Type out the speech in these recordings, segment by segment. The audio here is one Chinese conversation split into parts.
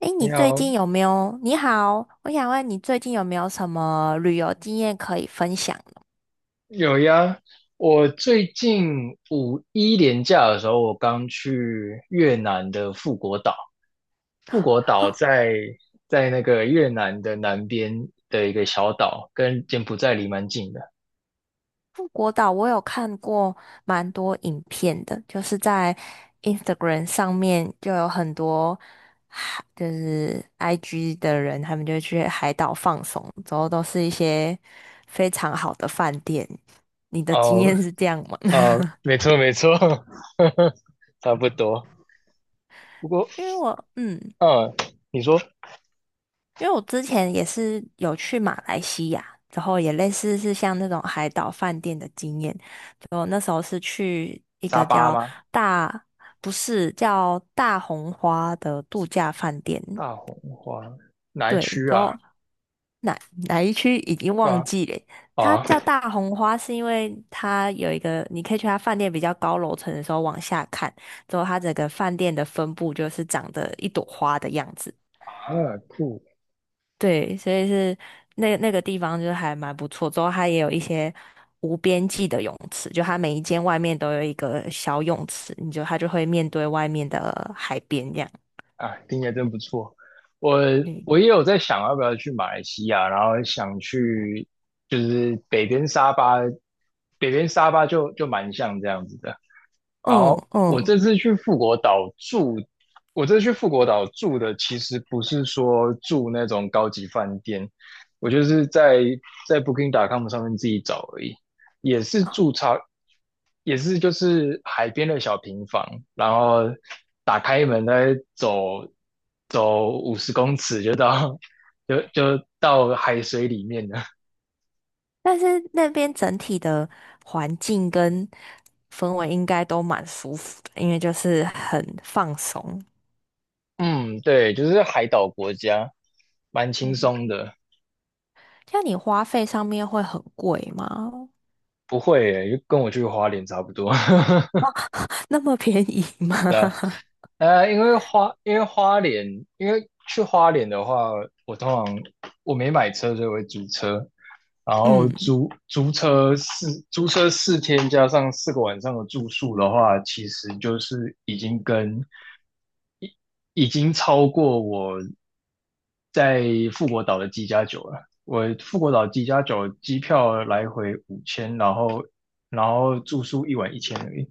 诶，你你最好，近有没有？你好，我想问你最近有没有什么旅游经验可以分享的？有呀。我最近五一连假的时候，我刚去越南的富国岛。富国岛哦，在那个越南的南边的一个小岛，跟柬埔寨离蛮近的。富国岛我有看过蛮多影片的，就是在 Instagram 上面就有很多海就是 IG 的人，他们就去海岛放松，之后都是一些非常好的饭店。你的经哦，验是这样吗？没错没错，差不多。不过，因为我嗯。嗯，你说因为我之前也是有去马来西亚，然后也类似是像那种海岛饭店的经验。就那时候是去一沙个巴吗？大，不是叫大红花的度假饭店，大红花哪一对，区然啊？后哪一区已经是忘吧？记了。它啊，叫大红花，是因为它有一个，你可以去它饭店比较高楼层的时候往下看，之后它整个饭店的分布就是长得一朵花的样子。啊，库对，所以是那个地方就是还蛮不错。之后它也有一些无边际的泳池，就它每一间外面都有一个小泳池，你就它就会面对外面的海边这样。听起来真不错。我嗯我也有在想要不要去马来西亚，然后想去就是北边沙巴，北边沙巴就蛮像这样子的。嗯好，我嗯，这次去富国岛住，我这次去富国岛住的其实不是说住那种高级饭店，我就是在 Booking.com 上面自己找而已，也是住超，也是就是海边的小平房，然后打开门再走走50公尺就到 就到海水里面了。但是那边整体的环境跟氛围应该都蛮舒服的，因为就是很放松。嗯，对，就是海岛国家，蛮轻松的。像你花费上面会很贵吗？不会耶，跟我去花莲差不多。那么便宜吗？对啊，因为花莲，因为去花莲的话，我通常我没买车，所以我会租车，然 后嗯租租车四租车4天加上4个晚上的住宿的话，其实就是已经超过我在富国岛的机加九了。我富国岛机加九机票来回5000，然后住宿1晚1000而已。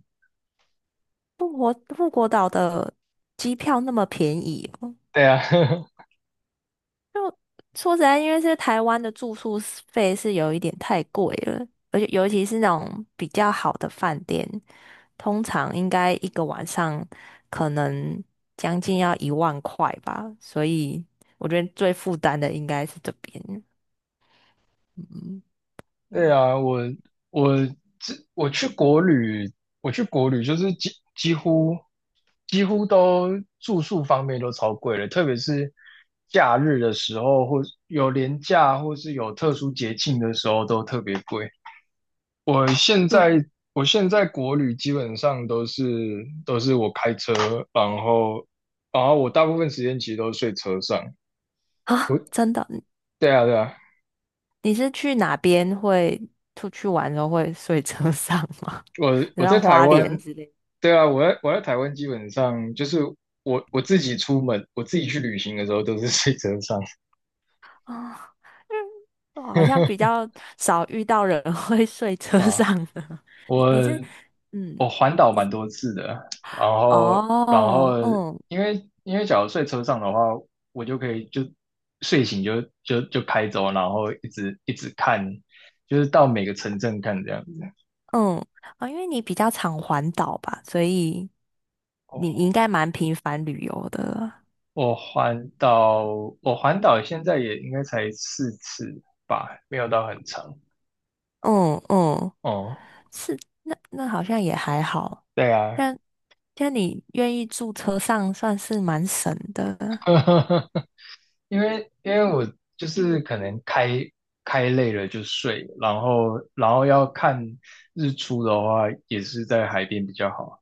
富国岛的机票那么便宜哦，对啊，就说实在，因为是台湾的住宿是费是有一点太贵了，而且尤其是那种比较好的饭店，通常应该一个晚上可能将近要1万块吧，所以我觉得最负担的应该是这边。嗯，对对，啊，我这我去国旅，我去国旅就是几乎都住宿方面都超贵了，特别是假日的时候，或有连假或是有特殊节庆的时候都特别贵。我现就在我现在国旅基本上都是我开车，然后然后我大部分时间其实都睡车上。啊，真的，对啊，对啊。你是去哪边会出去玩的时候会睡车上吗？我 你我在像台花莲湾，之类对啊，我在台湾基本上就是我自己出门，我自己去旅行的时候都是睡车上 啊，嗯，我好像比 较少遇到人 会睡车啊。上的。你是，我嗯，我环岛你是蛮多次的，然后然哦，后嗯因为假如睡车上的话，我就可以睡醒就开走，然后一直一直看，就是到每个城镇看这样子。嗯，啊，因为你比较常环岛吧，所以你我你应该蛮频繁旅游的。我环岛，我环岛现在也应该才4次吧，没有到很长。嗯嗯，哦，是，那好像也还好。对啊，那你愿意住车上，算是蛮省的。因为我就是可能开开累了就睡，然后要看日出的话，也是在海边比较好。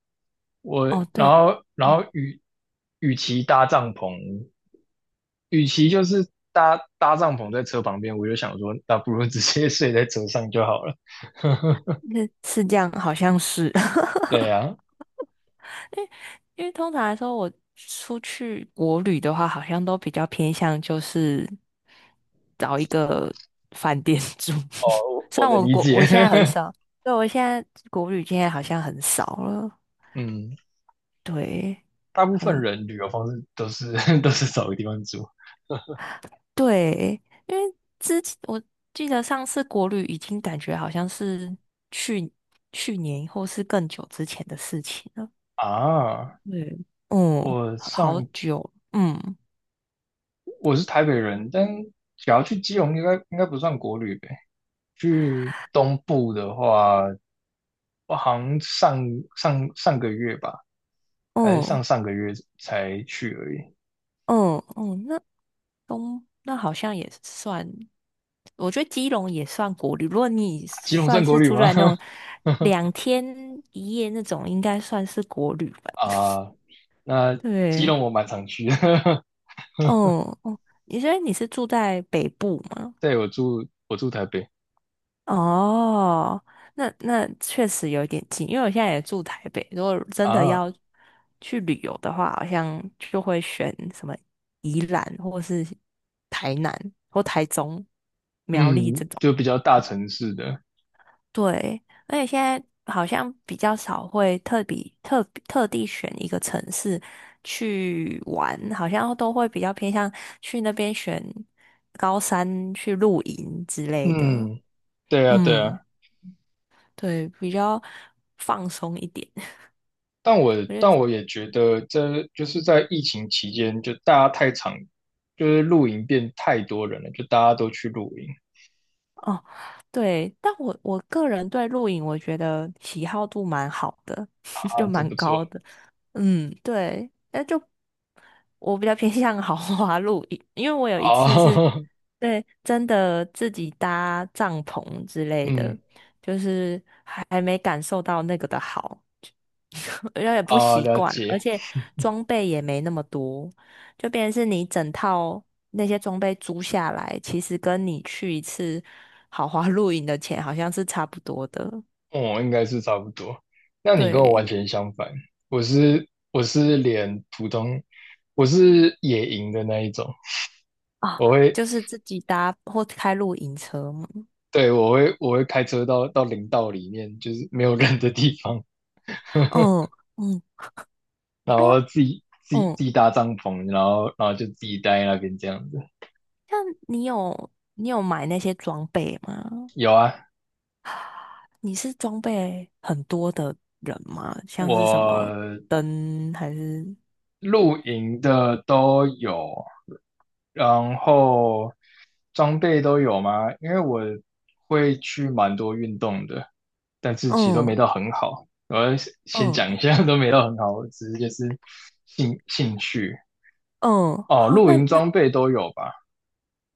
我哦，然对，后然后与与其搭帐篷，与其就是搭搭帐篷在车旁边，我就想说，那不如直接睡在车上就好了。那是这样，好像是。对啊，因为通常来说，我出去国旅的话，好像都比较偏向就是找一个饭店 住。我虽我然能我理国解。我现在很 少，对，我现在国旅现在好像很少了。嗯，对大部分人旅游方式都是 都是找个地方住对，因为之前我记得上次国旅已经感觉好像是去去年或是更久之前的事情了。啊。对，嗯，我好好上久，嗯我是台北人，但只要去基隆应该不算国旅呗。去东部的话，我好像上上个月吧，还是上嗯上个月才去而已。嗯嗯，那。那好像也算，我觉得基隆也算国旅。如果你基隆算算国是旅出吗？去玩那种 2天1夜那种，应该算是国旅吧？啊，那基对，隆我蛮常去的，哦哦，你觉得你是住在北部吗？对，我住台北哦，那确实有点近，因为我现在也住台北。如果真的啊，要去旅游的话，好像就会选什么宜兰或是台南或台中。嗯，就比较大城市的，对，而且现在好像比较少会特比特特地选一个城市去玩，好像都会比较偏向去那边选高山去露营之类的。嗯，对啊，对嗯，啊。对，比较放松一点。但我我觉得但我也觉得，这就是在疫情期间，就大家太常，就是露营变太多人了，就大家都去露营哦，对，但我个人对露营，我觉得喜好度蛮好的，啊，就这蛮不高错的。嗯，对，那就我比较偏向豪华露营，因为我有一次是，啊，对，真的自己搭帐篷之 类的，嗯就是还没感受到那个的好，有点不啊，习了惯，而解，且装备也没那么多，就变成是你整套那些装备租下来，其实跟你去一次豪华露营的钱好像是差不多的，我应该是差不多。那你跟我完对。全相反，我是我是连普通，我是野营的那一种，啊，我会，就是自己搭或开露营车嘛。对，我会开车到林道里面，就是没有人的地方，嗯嗯，然我后自己自己嗯，自己搭帐篷，然后就自己待在那边这样子。像你有买那些装备吗？有啊，你是装备很多的人吗？我像是什么灯还是露营的都有，然后装备都有吗？因为我会去蛮多运动的，但是其实都嗯没到很好。我要先讲一嗯下，都没到很好，我只是就是兴趣嗯，哦，好，露那营那装备都有吧。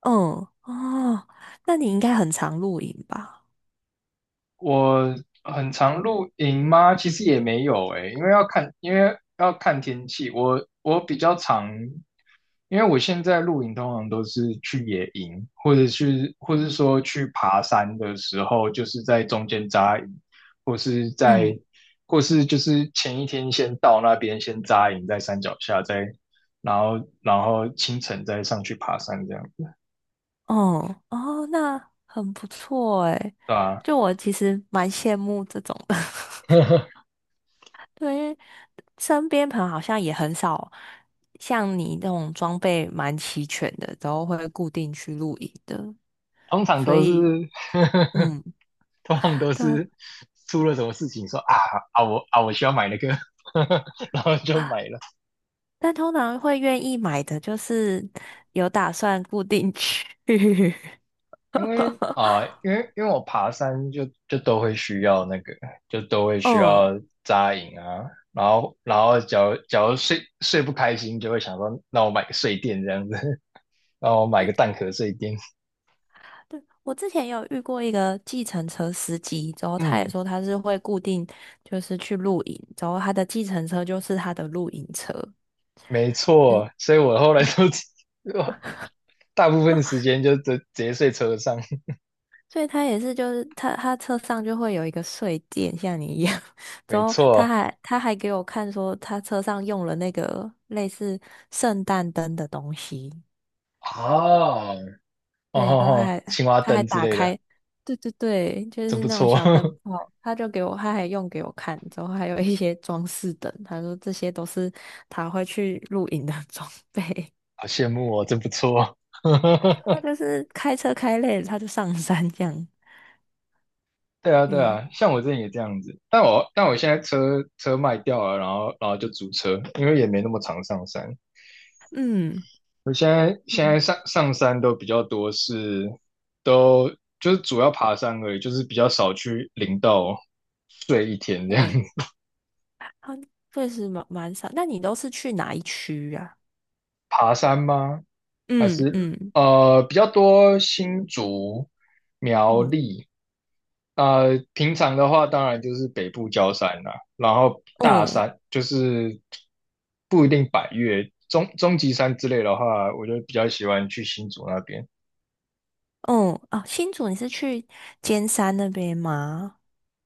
嗯哦，那你应该很常露营吧？我很常露营吗？其实也没有诶，因为要看天气。我比较常，因为我现在露营通常都是去野营，或是说去爬山的时候，就是在中间扎营，或是嗯在，或是就是前一天先到那边先扎营，在山脚下，然后清晨再上去爬山这样，哦哦，那很不错诶，对吧？就我其实蛮羡慕这种的。对，因为身边朋友好像也很少像你那种装备蛮齐全的，然后会固定去露营的，通常所都以是 嗯，通常都对啊，是出了什么事情说啊我需要买那个，然后就买了。但通常会愿意买的就是有打算固定去。因为啊、呃因为因为我爬山就都会需要那个，就都会需嗯，要扎营啊。然后假如睡睡不开心，就会想说那我买个睡垫这样子，那我买个蛋壳睡垫。对，我之前有遇过一个计程车司机，之后他也嗯，说他是会固定就是去露营，之后他的计程车就是他的露营车，没错，所以我后来都 大部分时间就直接睡车上。所以他也是，就是他车上就会有一个睡垫，像你一样。之没后错。他还给我看说，他车上用了那个类似圣诞灯的东西。哦，哦对，吼都吼，还青蛙他还灯之打类的，开，对对对，就真是不那种错，小好灯泡，他就给我，他还用给我看。之后还有一些装饰灯，他说这些都是他会去露营的 装备。羡慕哦，真不错。他 就是开车开累了，他就上山这样。对啊，对嗯啊，像我之前也这样子，但我现在车车卖掉了，然后就租车，因为也没那么常上山。嗯我现在现嗯在上上山都比较多是，都就是主要爬山而已，就是比较少去林道睡一天这样嗯。子。他确实蛮少。那你都是去哪一区啊？爬山吗？还嗯是嗯比较多新竹、苗嗯栗。平常的话，当然就是北部郊山啦、然后大嗯山就是不一定百岳，中极山之类的话，我就比较喜欢去新竹那边。嗯啊，新竹你是去尖山那边吗？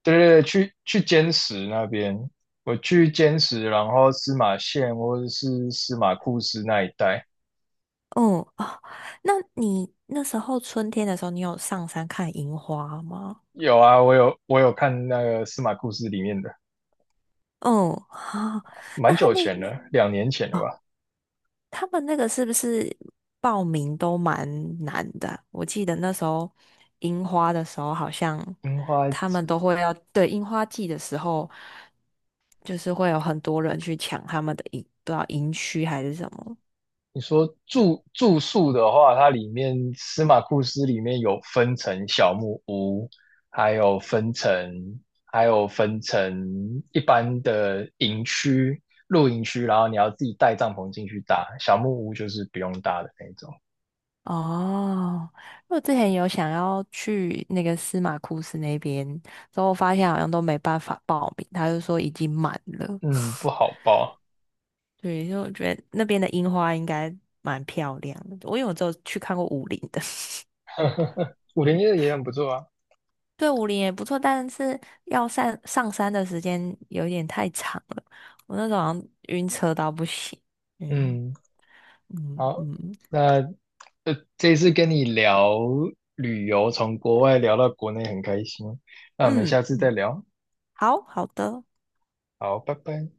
对对对，去坚石那边，我去坚石，然后司马县或者是司马库斯那一带嗯哦啊，那你那时候春天的时候，你有上山看樱花吗？有啊，我有看那个司马库斯里面的，嗯哦啊，那蛮久前了，2年前的哦吧。他们那个是不是报名都蛮难的啊我记得那时候樱花的时候，好像樱花他季，们都会要，对，樱花季的时候，就是会有很多人去抢他们的营，不知道营区还是什么。你说住宿的话，它里面司马库斯里面有分成小木屋，还有分成还有分成一般的营区、露营区，然后你要自己带帐篷进去搭。小木屋就是不用搭的那种，哦，我之前有想要去那个司马库斯那边，之后发现好像都没办法报名，他就说已经满了。嗯，不 好包。对，因为我觉得那边的樱花应该蛮漂亮的，因为我只有去看过武陵的。501的也很不错啊。对，武陵也不错，但是要上山的时间有点太长了，我那时候好像晕车到不行。嗯嗯，嗯好，嗯那这次跟你聊旅游，从国外聊到国内很开心，那我们嗯，下次再聊。好好的。好，拜拜。